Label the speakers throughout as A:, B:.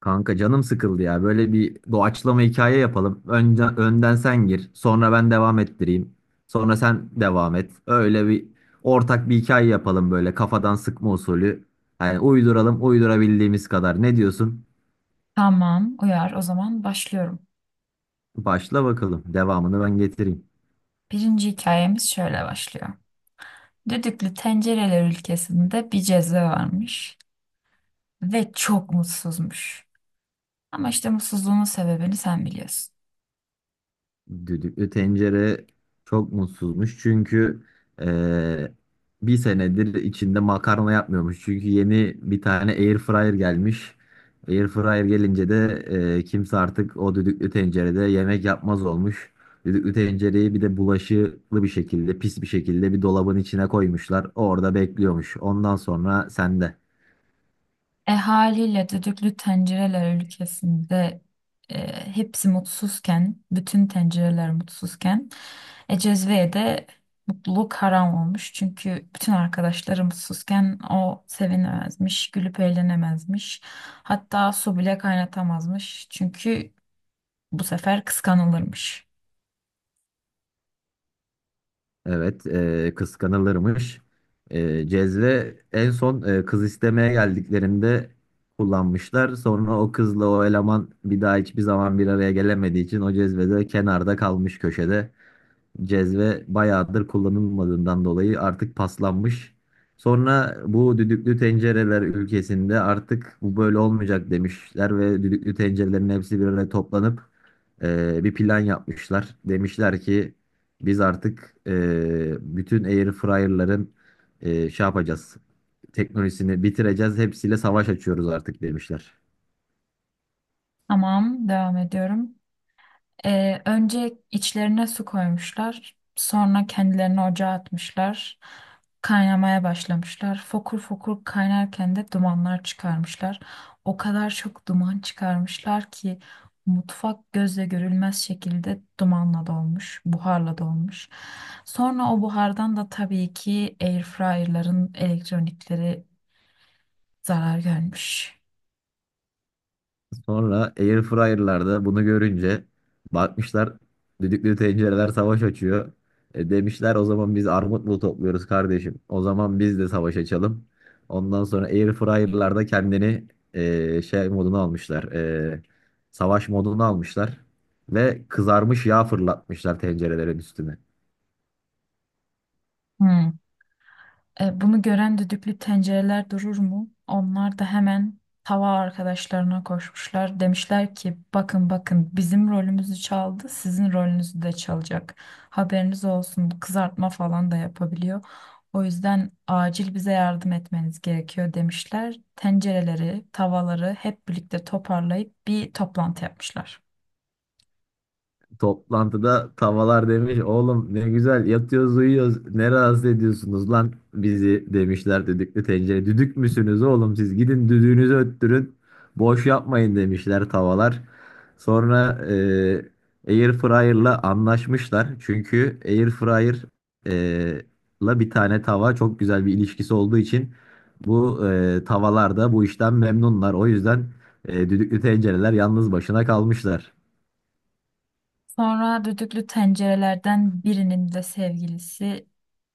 A: Kanka canım sıkıldı ya. Böyle bir doğaçlama hikaye yapalım. Önce, önden sen gir. Sonra ben devam ettireyim. Sonra sen devam et. Öyle bir ortak bir hikaye yapalım böyle kafadan sıkma usulü. Yani uyduralım uydurabildiğimiz kadar. Ne diyorsun?
B: Tamam, uyar. O zaman başlıyorum.
A: Başla bakalım. Devamını ben getireyim.
B: Birinci hikayemiz şöyle başlıyor. Düdüklü tencereler ülkesinde bir ceza varmış ve çok mutsuzmuş. Ama işte mutsuzluğunun sebebini sen biliyorsun.
A: Düdüklü tencere çok mutsuzmuş çünkü eee, bir senedir içinde makarna yapmıyormuş. Çünkü yeni bir tane air fryer gelmiş. Air fryer gelince de kimse artık o düdüklü tencerede yemek yapmaz olmuş. Düdüklü tencereyi bir de bulaşıklı bir şekilde, pis bir şekilde bir dolabın içine koymuşlar. Orada bekliyormuş. Ondan sonra sende.
B: Haliyle düdüklü tencereler ülkesinde hepsi mutsuzken, bütün tencereler mutsuzken, Cezve'ye de mutluluk haram olmuş. Çünkü bütün arkadaşları mutsuzken o sevinemezmiş, gülüp eğlenemezmiş. Hatta su bile kaynatamazmış. Çünkü bu sefer kıskanılırmış.
A: Evet, kıskanılırmış. Cezve en son kız istemeye geldiklerinde kullanmışlar. Sonra o kızla o eleman bir daha hiçbir zaman bir araya gelemediği için o cezvede kenarda kalmış köşede. Cezve bayağıdır kullanılmadığından dolayı artık paslanmış. Sonra bu düdüklü tencereler ülkesinde artık bu böyle olmayacak demişler ve düdüklü tencerelerin hepsi bir araya toplanıp bir plan yapmışlar. Demişler ki biz artık bütün air fryer'ların e, şey yapacağız, teknolojisini bitireceğiz, hepsiyle savaş açıyoruz artık demişler.
B: Tamam, devam ediyorum. Önce içlerine su koymuşlar. Sonra kendilerini ocağa atmışlar. Kaynamaya başlamışlar. Fokur fokur kaynarken de dumanlar çıkarmışlar. O kadar çok duman çıkarmışlar ki mutfak gözle görülmez şekilde dumanla dolmuş, buharla dolmuş. Sonra o buhardan da tabii ki airfryer'ların elektronikleri zarar görmüş.
A: Sonra airfryer'larda bunu görünce bakmışlar düdüklü tencereler savaş açıyor. Demişler o zaman biz armut mu topluyoruz kardeşim? O zaman biz de savaş açalım. Ondan sonra airfryer'larda kendini e, şey moduna almışlar. e, savaş moduna almışlar. Ve kızarmış yağ fırlatmışlar tencerelerin üstüne.
B: Hmm. Bunu gören düdüklü tencereler durur mu? Onlar da hemen tava arkadaşlarına koşmuşlar. Demişler ki bakın bakın, bizim rolümüzü çaldı, sizin rolünüzü de çalacak. Haberiniz olsun, kızartma falan da yapabiliyor. O yüzden acil bize yardım etmeniz gerekiyor demişler. Tencereleri, tavaları hep birlikte toparlayıp bir toplantı yapmışlar.
A: Toplantıda tavalar demiş oğlum ne güzel yatıyoruz uyuyoruz ne rahatsız ediyorsunuz lan bizi demişler düdüklü tencere düdük müsünüz oğlum siz gidin düdüğünüzü öttürün boş yapmayın demişler tavalar sonra air fryer'la anlaşmışlar çünkü air fryer eee, la bir tane tava çok güzel bir ilişkisi olduğu için bu tavalar da bu işten memnunlar o yüzden düdüklü tencereler yalnız başına kalmışlar.
B: Sonra düdüklü tencerelerden birinin de sevgilisi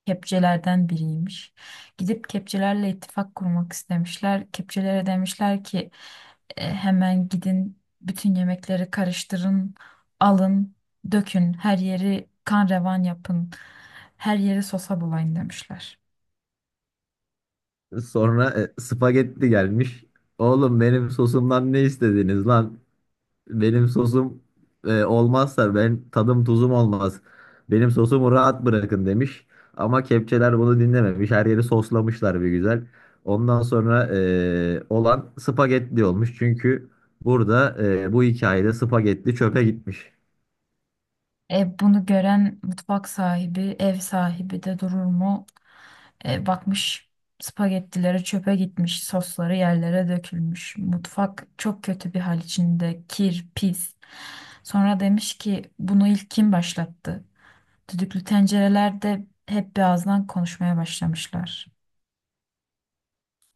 B: kepçelerden biriymiş. Gidip kepçelerle ittifak kurmak istemişler. Kepçelere demişler ki "E, hemen gidin bütün yemekleri karıştırın, alın, dökün, her yeri kan revan yapın, her yeri sosa bulayın" demişler.
A: Sonra spagetti gelmiş. Oğlum benim sosumdan ne istediniz lan? Benim sosum olmazsa ben tadım tuzum olmaz. Benim sosumu rahat bırakın demiş. Ama kepçeler bunu dinlememiş. Her yeri soslamışlar bir güzel. Ondan sonra olan spagetti olmuş. Çünkü burada bu hikayede spagetti çöpe gitmiş.
B: Bunu gören mutfak sahibi, ev sahibi de durur mu? Bakmış spagettileri çöpe gitmiş, sosları yerlere dökülmüş. Mutfak çok kötü bir hal içinde, kir, pis. Sonra demiş ki bunu ilk kim başlattı? Düdüklü tencerelerde hep bir ağızdan konuşmaya başlamışlar.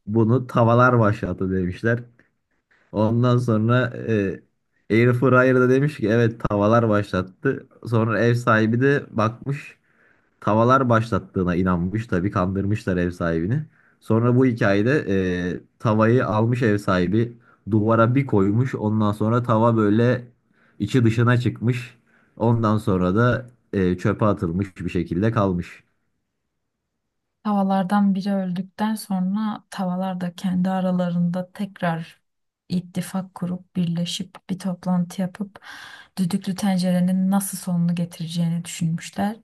A: Bunu tavalar başlattı demişler. Ondan sonra Air Fryer'da demiş ki evet tavalar başlattı. Sonra ev sahibi de bakmış tavalar başlattığına inanmış. Tabii kandırmışlar ev sahibini. Sonra bu hikayede tavayı almış ev sahibi duvara bir koymuş. Ondan sonra tava böyle içi dışına çıkmış. Ondan sonra da çöpe atılmış bir şekilde kalmış.
B: Tavalardan biri öldükten sonra tavalar da kendi aralarında tekrar ittifak kurup birleşip bir toplantı yapıp düdüklü tencerenin nasıl sonunu getireceğini düşünmüşler.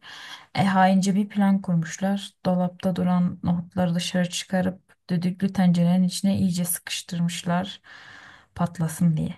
B: Haince bir plan kurmuşlar. Dolapta duran nohutları dışarı çıkarıp düdüklü tencerenin içine iyice sıkıştırmışlar, patlasın diye.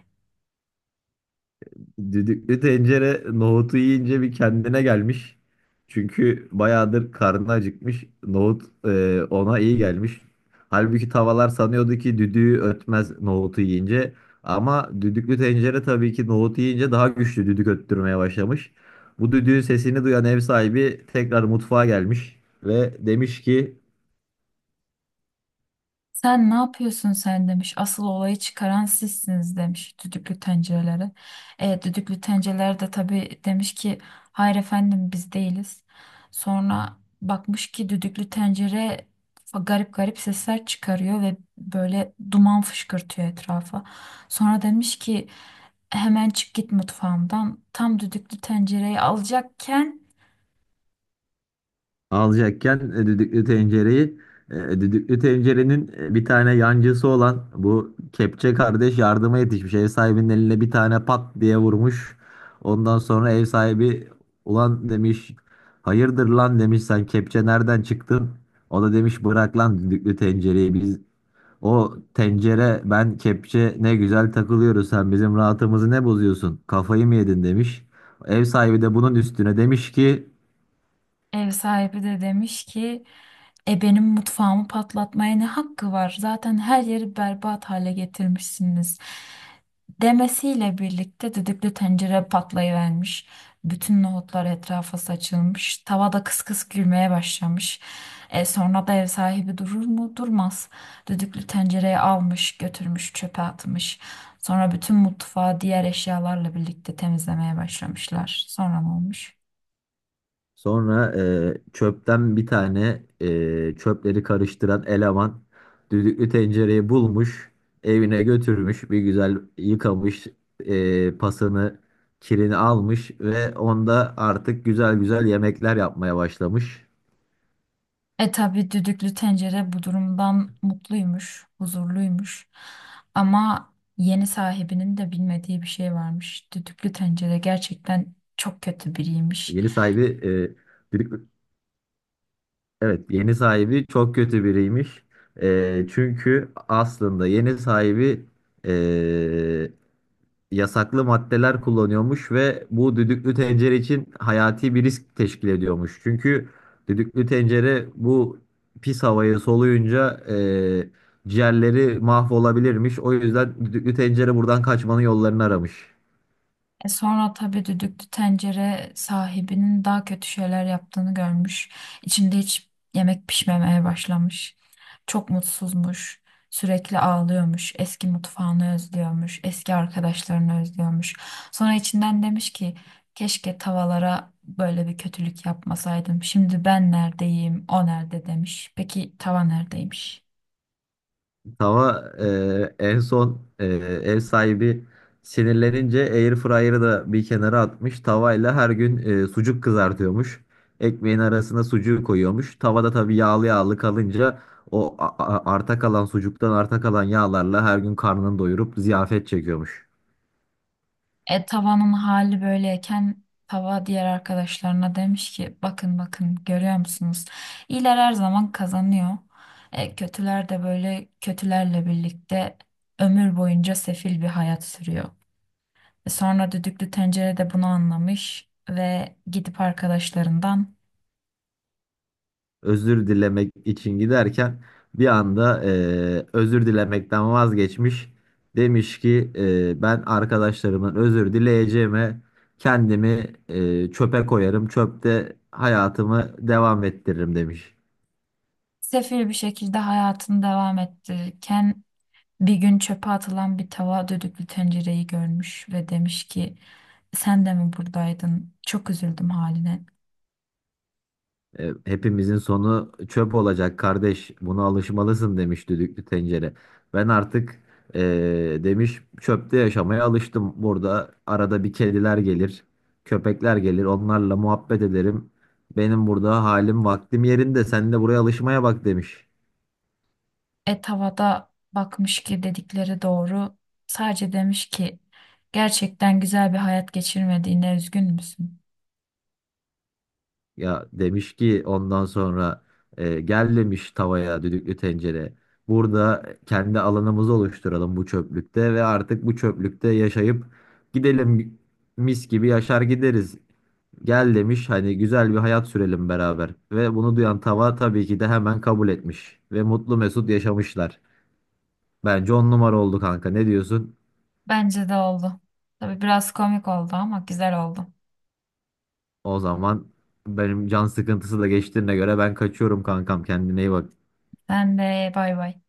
A: Düdüklü tencere nohutu yiyince bir kendine gelmiş. Çünkü bayağıdır karnı acıkmış. Nohut ona iyi gelmiş. Halbuki tavalar sanıyordu ki düdüğü ötmez nohutu yiyince. Ama düdüklü tencere tabii ki nohutu yiyince daha güçlü düdük öttürmeye başlamış. Bu düdüğün sesini duyan ev sahibi tekrar mutfağa gelmiş ve demiş ki
B: Sen ne yapıyorsun sen demiş. Asıl olayı çıkaran sizsiniz demiş düdüklü tencerelere. Düdüklü tencereler de tabii demiş ki hayır efendim, biz değiliz. Sonra bakmış ki düdüklü tencere garip garip sesler çıkarıyor ve böyle duman fışkırtıyor etrafa. Sonra demiş ki hemen çık git mutfağımdan. Tam düdüklü tencereyi alacakken
A: alacakken e, düdüklü tencereyi e, düdüklü tencerenin bir tane yancısı olan bu kepçe kardeş yardıma yetişmiş. Ev sahibinin eline bir tane pat diye vurmuş. Ondan sonra ev sahibi ulan demiş hayırdır lan demiş sen kepçe nereden çıktın? O da demiş bırak lan düdüklü tencereyi biz o tencere ben kepçe ne güzel takılıyoruz sen bizim rahatımızı ne bozuyorsun kafayı mı yedin demiş. Ev sahibi de bunun üstüne demiş ki
B: ev sahibi de demiş ki E benim mutfağımı patlatmaya ne hakkı var? Zaten her yeri berbat hale getirmişsiniz. Demesiyle birlikte düdüklü tencere patlayıvermiş. Bütün nohutlar etrafa saçılmış. Tava da kıs kıs gülmeye başlamış. E sonra da ev sahibi durur mu? Durmaz. Düdüklü tencereyi almış, götürmüş, çöpe atmış. Sonra bütün mutfağı diğer eşyalarla birlikte temizlemeye başlamışlar. Sonra ne olmuş?
A: sonra çöpten bir tane çöpleri karıştıran eleman düdüklü tencereyi bulmuş, evine götürmüş, bir güzel yıkamış, pasını, kirini almış ve onda artık güzel güzel yemekler yapmaya başlamış.
B: E tabii düdüklü tencere bu durumdan mutluymuş, huzurluymuş. Ama yeni sahibinin de bilmediği bir şey varmış. Düdüklü tencere gerçekten çok kötü biriymiş.
A: Yeni sahibi e, düdüklü- Evet, yeni sahibi çok kötü biriymiş. Çünkü aslında yeni sahibi e, yasaklı maddeler kullanıyormuş ve bu düdüklü tencere için hayati bir risk teşkil ediyormuş. Çünkü düdüklü tencere bu pis havayı soluyunca ciğerleri mahvolabilirmiş. O yüzden düdüklü tencere buradan kaçmanın yollarını aramış.
B: Sonra tabii düdüklü tencere sahibinin daha kötü şeyler yaptığını görmüş. İçinde hiç yemek pişmemeye başlamış. Çok mutsuzmuş. Sürekli ağlıyormuş. Eski mutfağını özlüyormuş. Eski arkadaşlarını özlüyormuş. Sonra içinden demiş ki keşke tavalara böyle bir kötülük yapmasaydım. Şimdi ben neredeyim, o nerede demiş. Peki tava neredeymiş?
A: Tava ev sahibi sinirlenince air fryer'ı da bir kenara atmış. Tavayla her gün sucuk kızartıyormuş. Ekmeğin arasına sucuğu koyuyormuş. Tavada tabii yağlı yağlı kalınca o arta kalan sucuktan arta kalan yağlarla her gün karnını doyurup ziyafet çekiyormuş.
B: Tavanın hali böyleyken tava diğer arkadaşlarına demiş ki bakın bakın, görüyor musunuz? İyiler her zaman kazanıyor. Kötüler de böyle kötülerle birlikte ömür boyunca sefil bir hayat sürüyor. Sonra düdüklü tencere de bunu anlamış ve gidip arkadaşlarından
A: Özür dilemek için giderken bir anda özür dilemekten vazgeçmiş. Demiş ki ben arkadaşlarımın özür dileyeceğime kendimi çöpe koyarım. Çöpte hayatımı devam ettiririm demiş.
B: sefil bir şekilde hayatını devam ettirirken bir gün çöpe atılan bir tava düdüklü tencereyi görmüş ve demiş ki sen de mi buradaydın? Çok üzüldüm haline.
A: Hepimizin sonu çöp olacak kardeş. Buna alışmalısın demiş düdüklü tencere. Ben artık e, demiş çöpte yaşamaya alıştım. Burada arada bir kediler gelir, köpekler gelir. Onlarla muhabbet ederim. Benim burada halim vaktim yerinde. Sen de buraya alışmaya bak demiş.
B: Et havada bakmış ki dedikleri doğru. Sadece demiş ki gerçekten güzel bir hayat geçirmediğine üzgün müsün?
A: Ya demiş ki ondan sonra gel demiş tavaya düdüklü tencere. Burada kendi alanımızı oluşturalım bu çöplükte ve artık bu çöplükte yaşayıp gidelim mis gibi yaşar gideriz. Gel demiş hani güzel bir hayat sürelim beraber. Ve bunu duyan tava tabii ki de hemen kabul etmiş. Ve mutlu mesut yaşamışlar. Bence on numara oldu kanka, ne diyorsun?
B: Bence de oldu. Tabii biraz komik oldu ama güzel oldu.
A: O zaman benim can sıkıntısı da geçtiğine göre ben kaçıyorum kankam, kendine iyi bak.
B: Sen de bay bay.